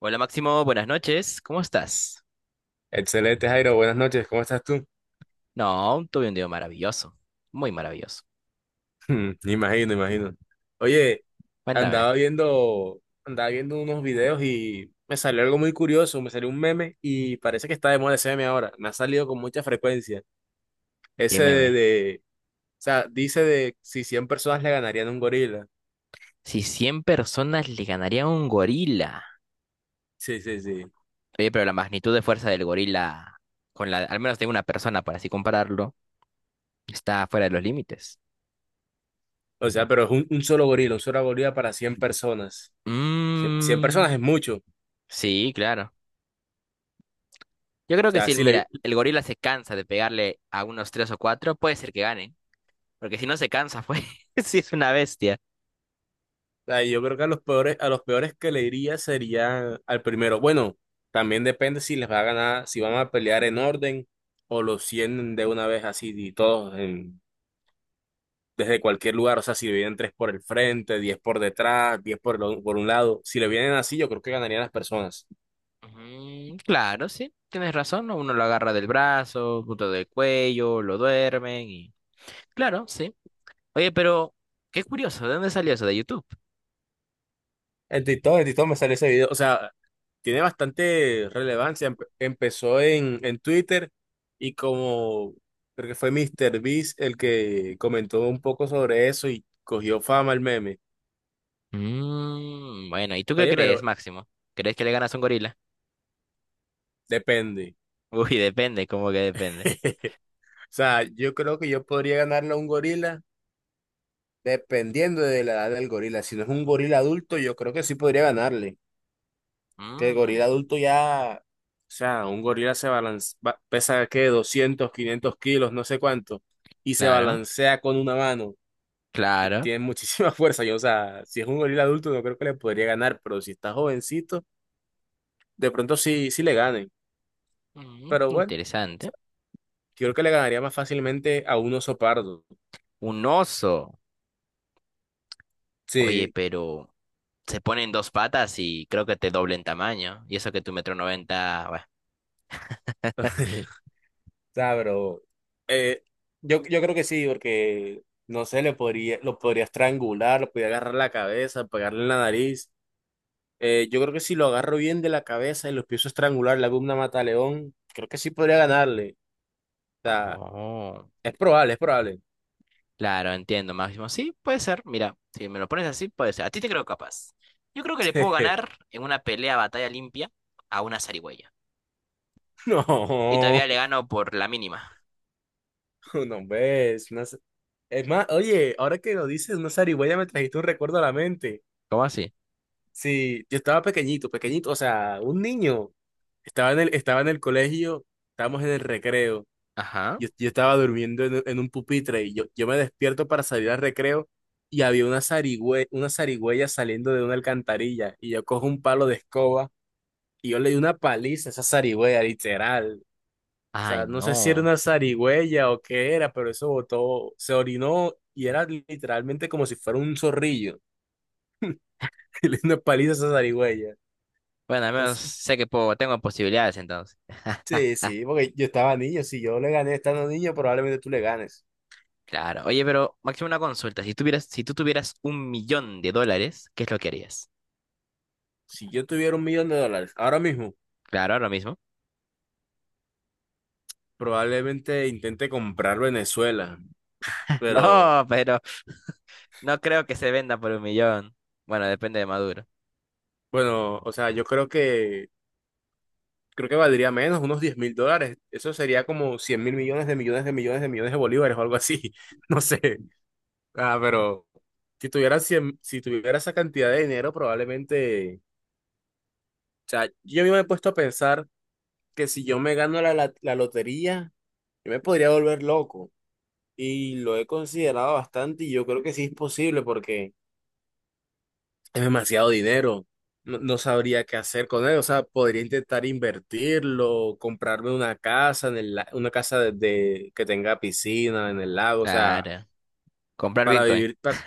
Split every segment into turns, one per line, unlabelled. Hola Máximo, buenas noches, ¿cómo estás?
Excelente, Jairo. Buenas noches. ¿Cómo estás tú?
No, tuve un día maravilloso, muy maravilloso.
Imagino, imagino. Oye,
Cuéntame,
andaba viendo unos videos y me salió algo muy curioso. Me salió un meme y parece que está de moda ese meme ahora. Me ha salido con mucha frecuencia.
qué
Ese de,
meme.
de- o sea, dice de si 100 personas le ganarían a un gorila.
Si 100 personas le ganarían a un gorila.
Sí, sí, sí.
Oye, pero la magnitud de fuerza del gorila, con la, al menos de una persona, para así compararlo, está fuera de los límites.
O sea, pero es un solo gorila, un solo gorila para 100 personas. Cien- personas
Mmm,
es mucho. O
sí, claro. Yo creo que si,
sea, si le,
mira, el gorila se cansa de pegarle a unos 3 o 4, puede ser que gane, porque si no se cansa, pues, si es una bestia.
sea, Yo creo que a los peores que le iría sería al primero. Bueno, también depende si les va a ganar, si van a pelear en orden, o los 100 de una vez así y todos desde cualquier lugar. O sea, si le vienen tres por el frente, 10 por detrás, 10 por, el o- por un lado. Si le vienen así, yo creo que ganarían las personas.
Mm, claro, sí, tienes razón, ¿no? Uno lo agarra del brazo, punto del cuello, lo duermen y... Claro, sí. Oye, pero qué curioso, ¿de dónde salió eso? ¿De YouTube?
En TikTok me sale ese video. O sea, tiene bastante relevancia. Empezó en Twitter y como creo que fue Mr. Beast el que comentó un poco sobre eso y cogió fama el meme.
Mm, bueno, ¿y tú qué
Oye, pero
crees, Máximo? ¿Crees que le ganas a un gorila?
depende.
Uy, depende, ¿cómo que depende?
O sea, yo creo que yo podría ganarle a un gorila dependiendo de la edad del gorila. Si no es un gorila adulto, yo creo que sí podría ganarle. Que el gorila
Mm,
adulto ya, o sea, un gorila se balancea, pesa que 200 500 kilos, no sé cuánto, y se
claro,
balancea con una mano.
claro.
Tiene muchísima fuerza. Yo, o sea, si es un gorila adulto, no creo que le podría ganar, pero si está jovencito, de pronto sí, sí le gane.
Mm,
Pero bueno,
interesante.
yo creo que le ganaría más fácilmente a un oso pardo.
Un oso. Oye,
Sí,
pero se ponen dos patas y creo que te doble en tamaño. Y eso que tu metro noventa, bueno.
o sea, pero eh, yo creo que sí, porque no sé, le podría, lo podría estrangular, lo podría agarrar la cabeza, pegarle en la nariz. Yo creo que si lo agarro bien de la cabeza y lo empiezo a estrangular, la gumna mata a León, creo que sí podría ganarle. O sea,
Oh.
es probable, es probable.
Claro, entiendo, Máximo. Sí, puede ser. Mira, si me lo pones así, puede ser. A ti te creo capaz. Yo creo que le puedo ganar en una pelea batalla limpia a una zarigüeya. Y todavía
No,
le gano por la mínima.
no ves. Es más, oye, ahora que lo dices, una zarigüeya me trajiste un recuerdo a la mente.
¿Cómo así?
Sí, yo estaba pequeñito, pequeñito, o sea, un niño. Estaba en el colegio, estábamos en el recreo.
Ajá.
Yo estaba durmiendo en un pupitre y yo me despierto para salir al recreo y había una zarigüeya saliendo de una alcantarilla y yo cojo un palo de escoba y yo le di una paliza a esa zarigüeya, literal. O
Ay,
sea, no sé si era
no.
una zarigüeya o qué era, pero eso botó, se orinó y era literalmente como si fuera un zorrillo. Y le di una paliza a esa zarigüeya.
Bueno, al menos
Entonces,
sé que puedo, tengo posibilidades entonces.
sí, sí, porque yo estaba niño. Si yo le gané estando niño, probablemente tú le ganes.
Claro. Oye, pero Máximo, una consulta. Si tú tuvieras $1 millón, ¿qué es lo que harías?
Si yo tuviera $1 millón ahora mismo,
Claro, lo mismo.
probablemente intente comprar Venezuela, pero
No, pero no creo que se venda por 1 millón. Bueno, depende de Maduro.
bueno, o sea, yo creo que valdría menos, unos $10.000. Eso sería como 100 mil millones de millones de millones de millones de bolívares o algo así. No sé. Ah, pero si tuviera 100, si tuviera esa cantidad de dinero, probablemente, o sea, yo mismo me he puesto a pensar que si yo me gano la lotería, yo me podría volver loco. Y lo he considerado bastante y yo creo que sí es posible porque es demasiado dinero. No, no sabría qué hacer con él. O sea, podría intentar invertirlo, comprarme una casa una casa que tenga piscina en el lago. O sea,
Claro. Comprar
para
Bitcoin.
vivir.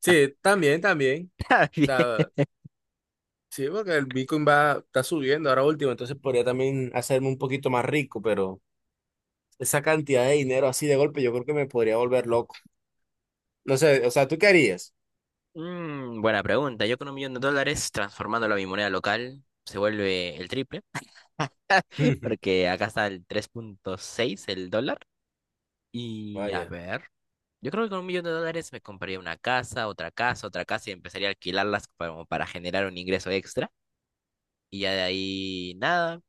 Sí, también, también.
Está
O
bien.
sea, sí, porque el Bitcoin va, está subiendo ahora último. Entonces podría también hacerme un poquito más rico, pero esa cantidad de dinero así de golpe, yo creo que me podría volver loco. No sé, o sea, ¿tú qué harías?
Mm, buena pregunta. Yo con $1 millón, transformándolo a mi moneda local, se vuelve el triple, porque acá está el 3.6 el dólar. Y a
Vaya,
ver, yo creo que con $1 millón me compraría una casa, otra casa, otra casa y empezaría a alquilarlas como para generar un ingreso extra. Y ya de ahí, nada,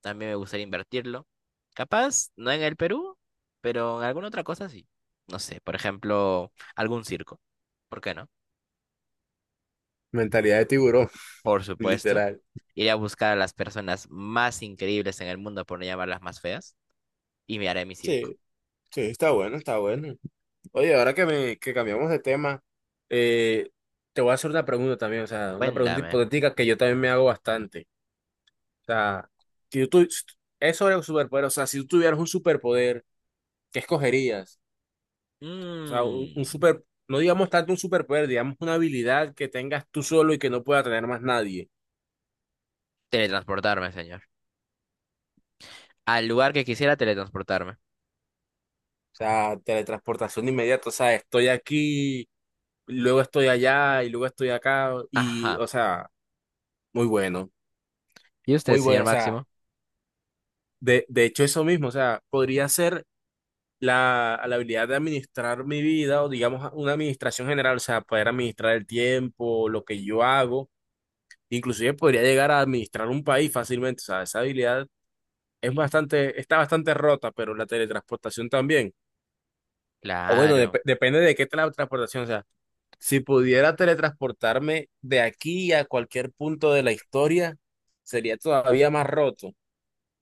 también me gustaría invertirlo. Capaz, no en el Perú, pero en alguna otra cosa sí. No sé, por ejemplo, algún circo. ¿Por qué no?
mentalidad de tiburón,
Por supuesto.
literal.
Iré a buscar a las personas más increíbles en el mundo, por no llamarlas más feas, y me haré mi circo.
Sí, sí, está bueno, está bueno. Oye, ahora que, que cambiamos de tema, eh, te voy a hacer una pregunta también, o sea, una pregunta
Cuéntame.
hipotética que yo también me hago bastante. O sea, si tú, tu- es sobre un superpoder, o sea, si tú tuvieras un superpoder, ¿qué escogerías? O sea,
Mm,
no digamos tanto un superpoder, digamos una habilidad que tengas tú solo y que no pueda tener más nadie.
teletransportarme, señor. Al lugar que quisiera teletransportarme.
O sea, teletransportación inmediata, o sea, estoy aquí, luego estoy allá y luego estoy acá, y,
Ajá.
o sea, muy bueno,
¿Y usted,
muy bueno,
señor
o sea.
Máximo?
De hecho, eso mismo, o sea, podría ser la habilidad de administrar mi vida o digamos una administración general, o sea, poder administrar el tiempo, lo que yo hago, inclusive podría llegar a administrar un país fácilmente, o sea, esa habilidad es bastante, está bastante rota, pero la teletransportación también. O bueno,
Claro,
depende de qué teletransportación, o sea, si pudiera teletransportarme de aquí a cualquier punto de la historia, sería todavía más roto,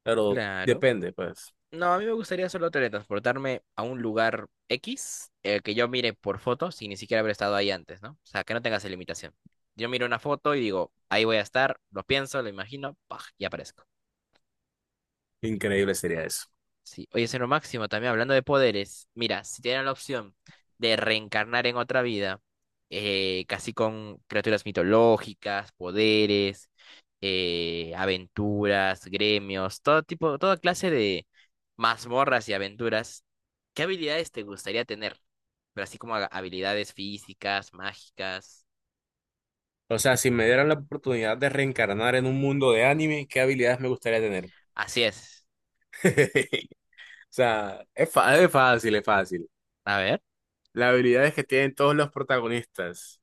pero
claro.
depende, pues,
No, a mí me gustaría solo teletransportarme a un lugar X, que yo mire por foto sin ni siquiera haber estado ahí antes, ¿no? O sea, que no tenga esa limitación. Yo miro una foto y digo, ahí voy a estar, lo pienso, lo imagino, ¡paj! Y aparezco.
increíble sería eso.
Sí. Oye, señor Máximo, también hablando de poderes, mira, si tienen la opción de reencarnar en otra vida, casi con criaturas mitológicas, poderes, aventuras, gremios, todo tipo, toda clase de mazmorras y aventuras, ¿qué habilidades te gustaría tener? Pero así como habilidades físicas, mágicas.
O sea, si me dieran la oportunidad de reencarnar en un mundo de anime, ¿qué habilidades me gustaría tener?
Así es.
O sea, es fácil, es fácil.
A ver,
Las habilidades que tienen todos los protagonistas.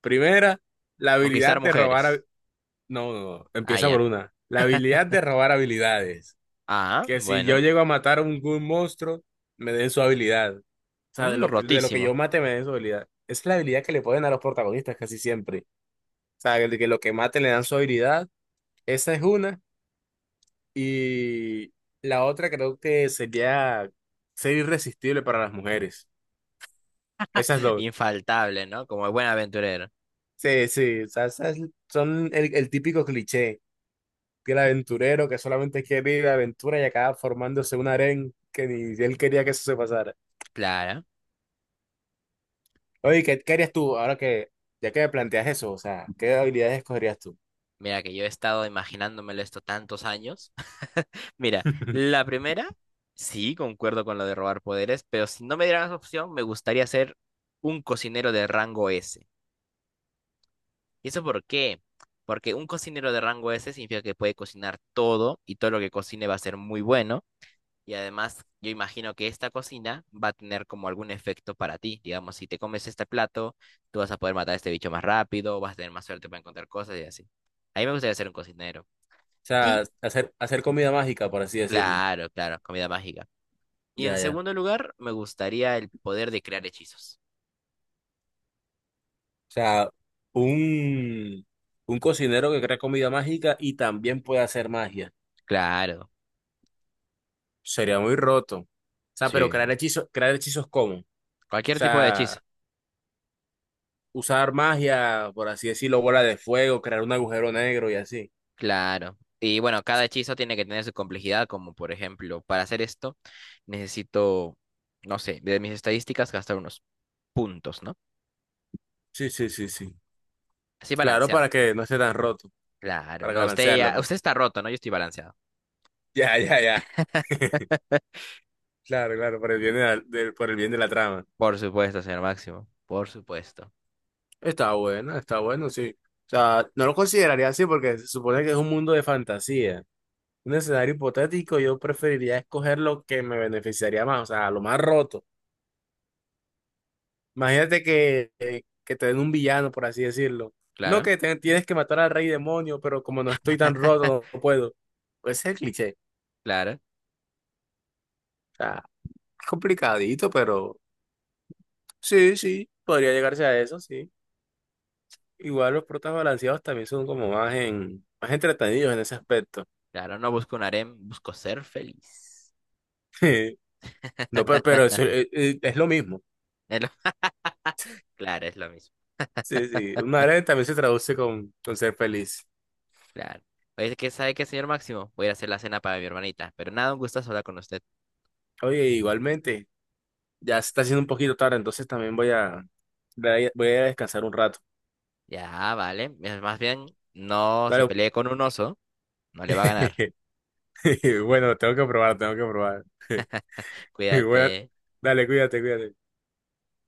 Primera, la habilidad
conquistar
de robar
mujeres.
No, no, no,
Ah,
empieza por
ya.
una. La habilidad de robar habilidades.
Ah,
Que si yo
bueno.
llego a matar a algún monstruo, me den su habilidad. O sea, de
Mm,
lo que, de lo que
rotísimo.
yo mate, me den su habilidad. Esa es la habilidad que le ponen a los protagonistas casi siempre. O sea, de que lo que mate le dan su habilidad. Esa es una. Y la otra creo que sería ser irresistible para las mujeres. Esas dos.
Infaltable, ¿no? Como buen aventurero.
Sí, sí, o sea, esas son el típico cliché del aventurero que solamente quiere ir de aventura y acaba formándose un harén que ni él quería que eso se pasara.
Claro.
Oye, ¿qué harías tú ahora que, ya que me planteas eso? O sea, ¿qué habilidades escogerías tú?
Mira que yo he estado imaginándomelo esto tantos años. Mira, la primera, sí, concuerdo con lo de robar poderes, pero si no me dieran esa opción, me gustaría ser un cocinero de rango S. ¿Y eso por qué? Porque un cocinero de rango S significa que puede cocinar todo y todo lo que cocine va a ser muy bueno. Y además, yo imagino que esta cocina va a tener como algún efecto para ti. Digamos, si te comes este plato, tú vas a poder matar a este bicho más rápido, vas a tener más suerte para encontrar cosas y así. A mí me gustaría ser un cocinero.
O
Y,
sea, hacer comida mágica, por así decirlo.
claro, claro, comida mágica. Y en
Ya, ya.
segundo lugar, me gustaría el poder de crear hechizos.
O sea, un, un cocinero que crea comida mágica y también puede hacer magia.
Claro,
Sería muy roto. O sea, pero
sí.
crear hechizos ¿cómo? O
Cualquier tipo de hechizo.
sea, usar magia, por así decirlo, bola de fuego, crear un agujero negro y así.
Claro. Y bueno, cada hechizo tiene que tener su complejidad, como por ejemplo, para hacer esto, necesito, no sé, de mis estadísticas gastar unos puntos, ¿no?
Sí, sí, sí, sí.
Así
Claro, para
balanceado.
que no esté tan roto,
Claro,
para
no, usted
balancearlo,
ya,
pues.
usted está roto, ¿no? Yo estoy balanceado.
Ya, ya, ya. Claro, claro, por el bien de la trama.
Por supuesto, señor Máximo, por supuesto.
Está bueno, sí. O sea, no lo consideraría así porque se supone que es un mundo de fantasía. Un escenario hipotético, yo preferiría escoger lo que me beneficiaría más, o sea, lo más roto. Imagínate que te den un villano, por así decirlo. No
Claro,
tienes que matar al rey demonio, pero como no estoy tan roto, no, no puedo. Puede ser cliché.
claro,
O sea, es complicadito, pero sí, sí, podría llegarse a eso, sí. Igual los protas balanceados también son como más más entretenidos en ese aspecto.
claro, no busco un harem, busco ser feliz.
No, pero, eso, es lo mismo.
Es lo- Claro, es lo mismo,
Sí, sí. Una alegre también se traduce con ser feliz.
claro. Oye, ¿qué sabe qué, señor Máximo? Voy a ir a hacer la cena para mi hermanita, pero nada, un gustazo hablar con usted.
Oye, igualmente, ya se está haciendo un poquito tarde, entonces también voy a descansar un rato.
Ya, vale, es más bien, no se
Dale.
pelee con un oso, no le va a ganar.
Bueno, tengo que probar, tengo que probar. Bueno,
Cuídate.
dale, cuídate, cuídate.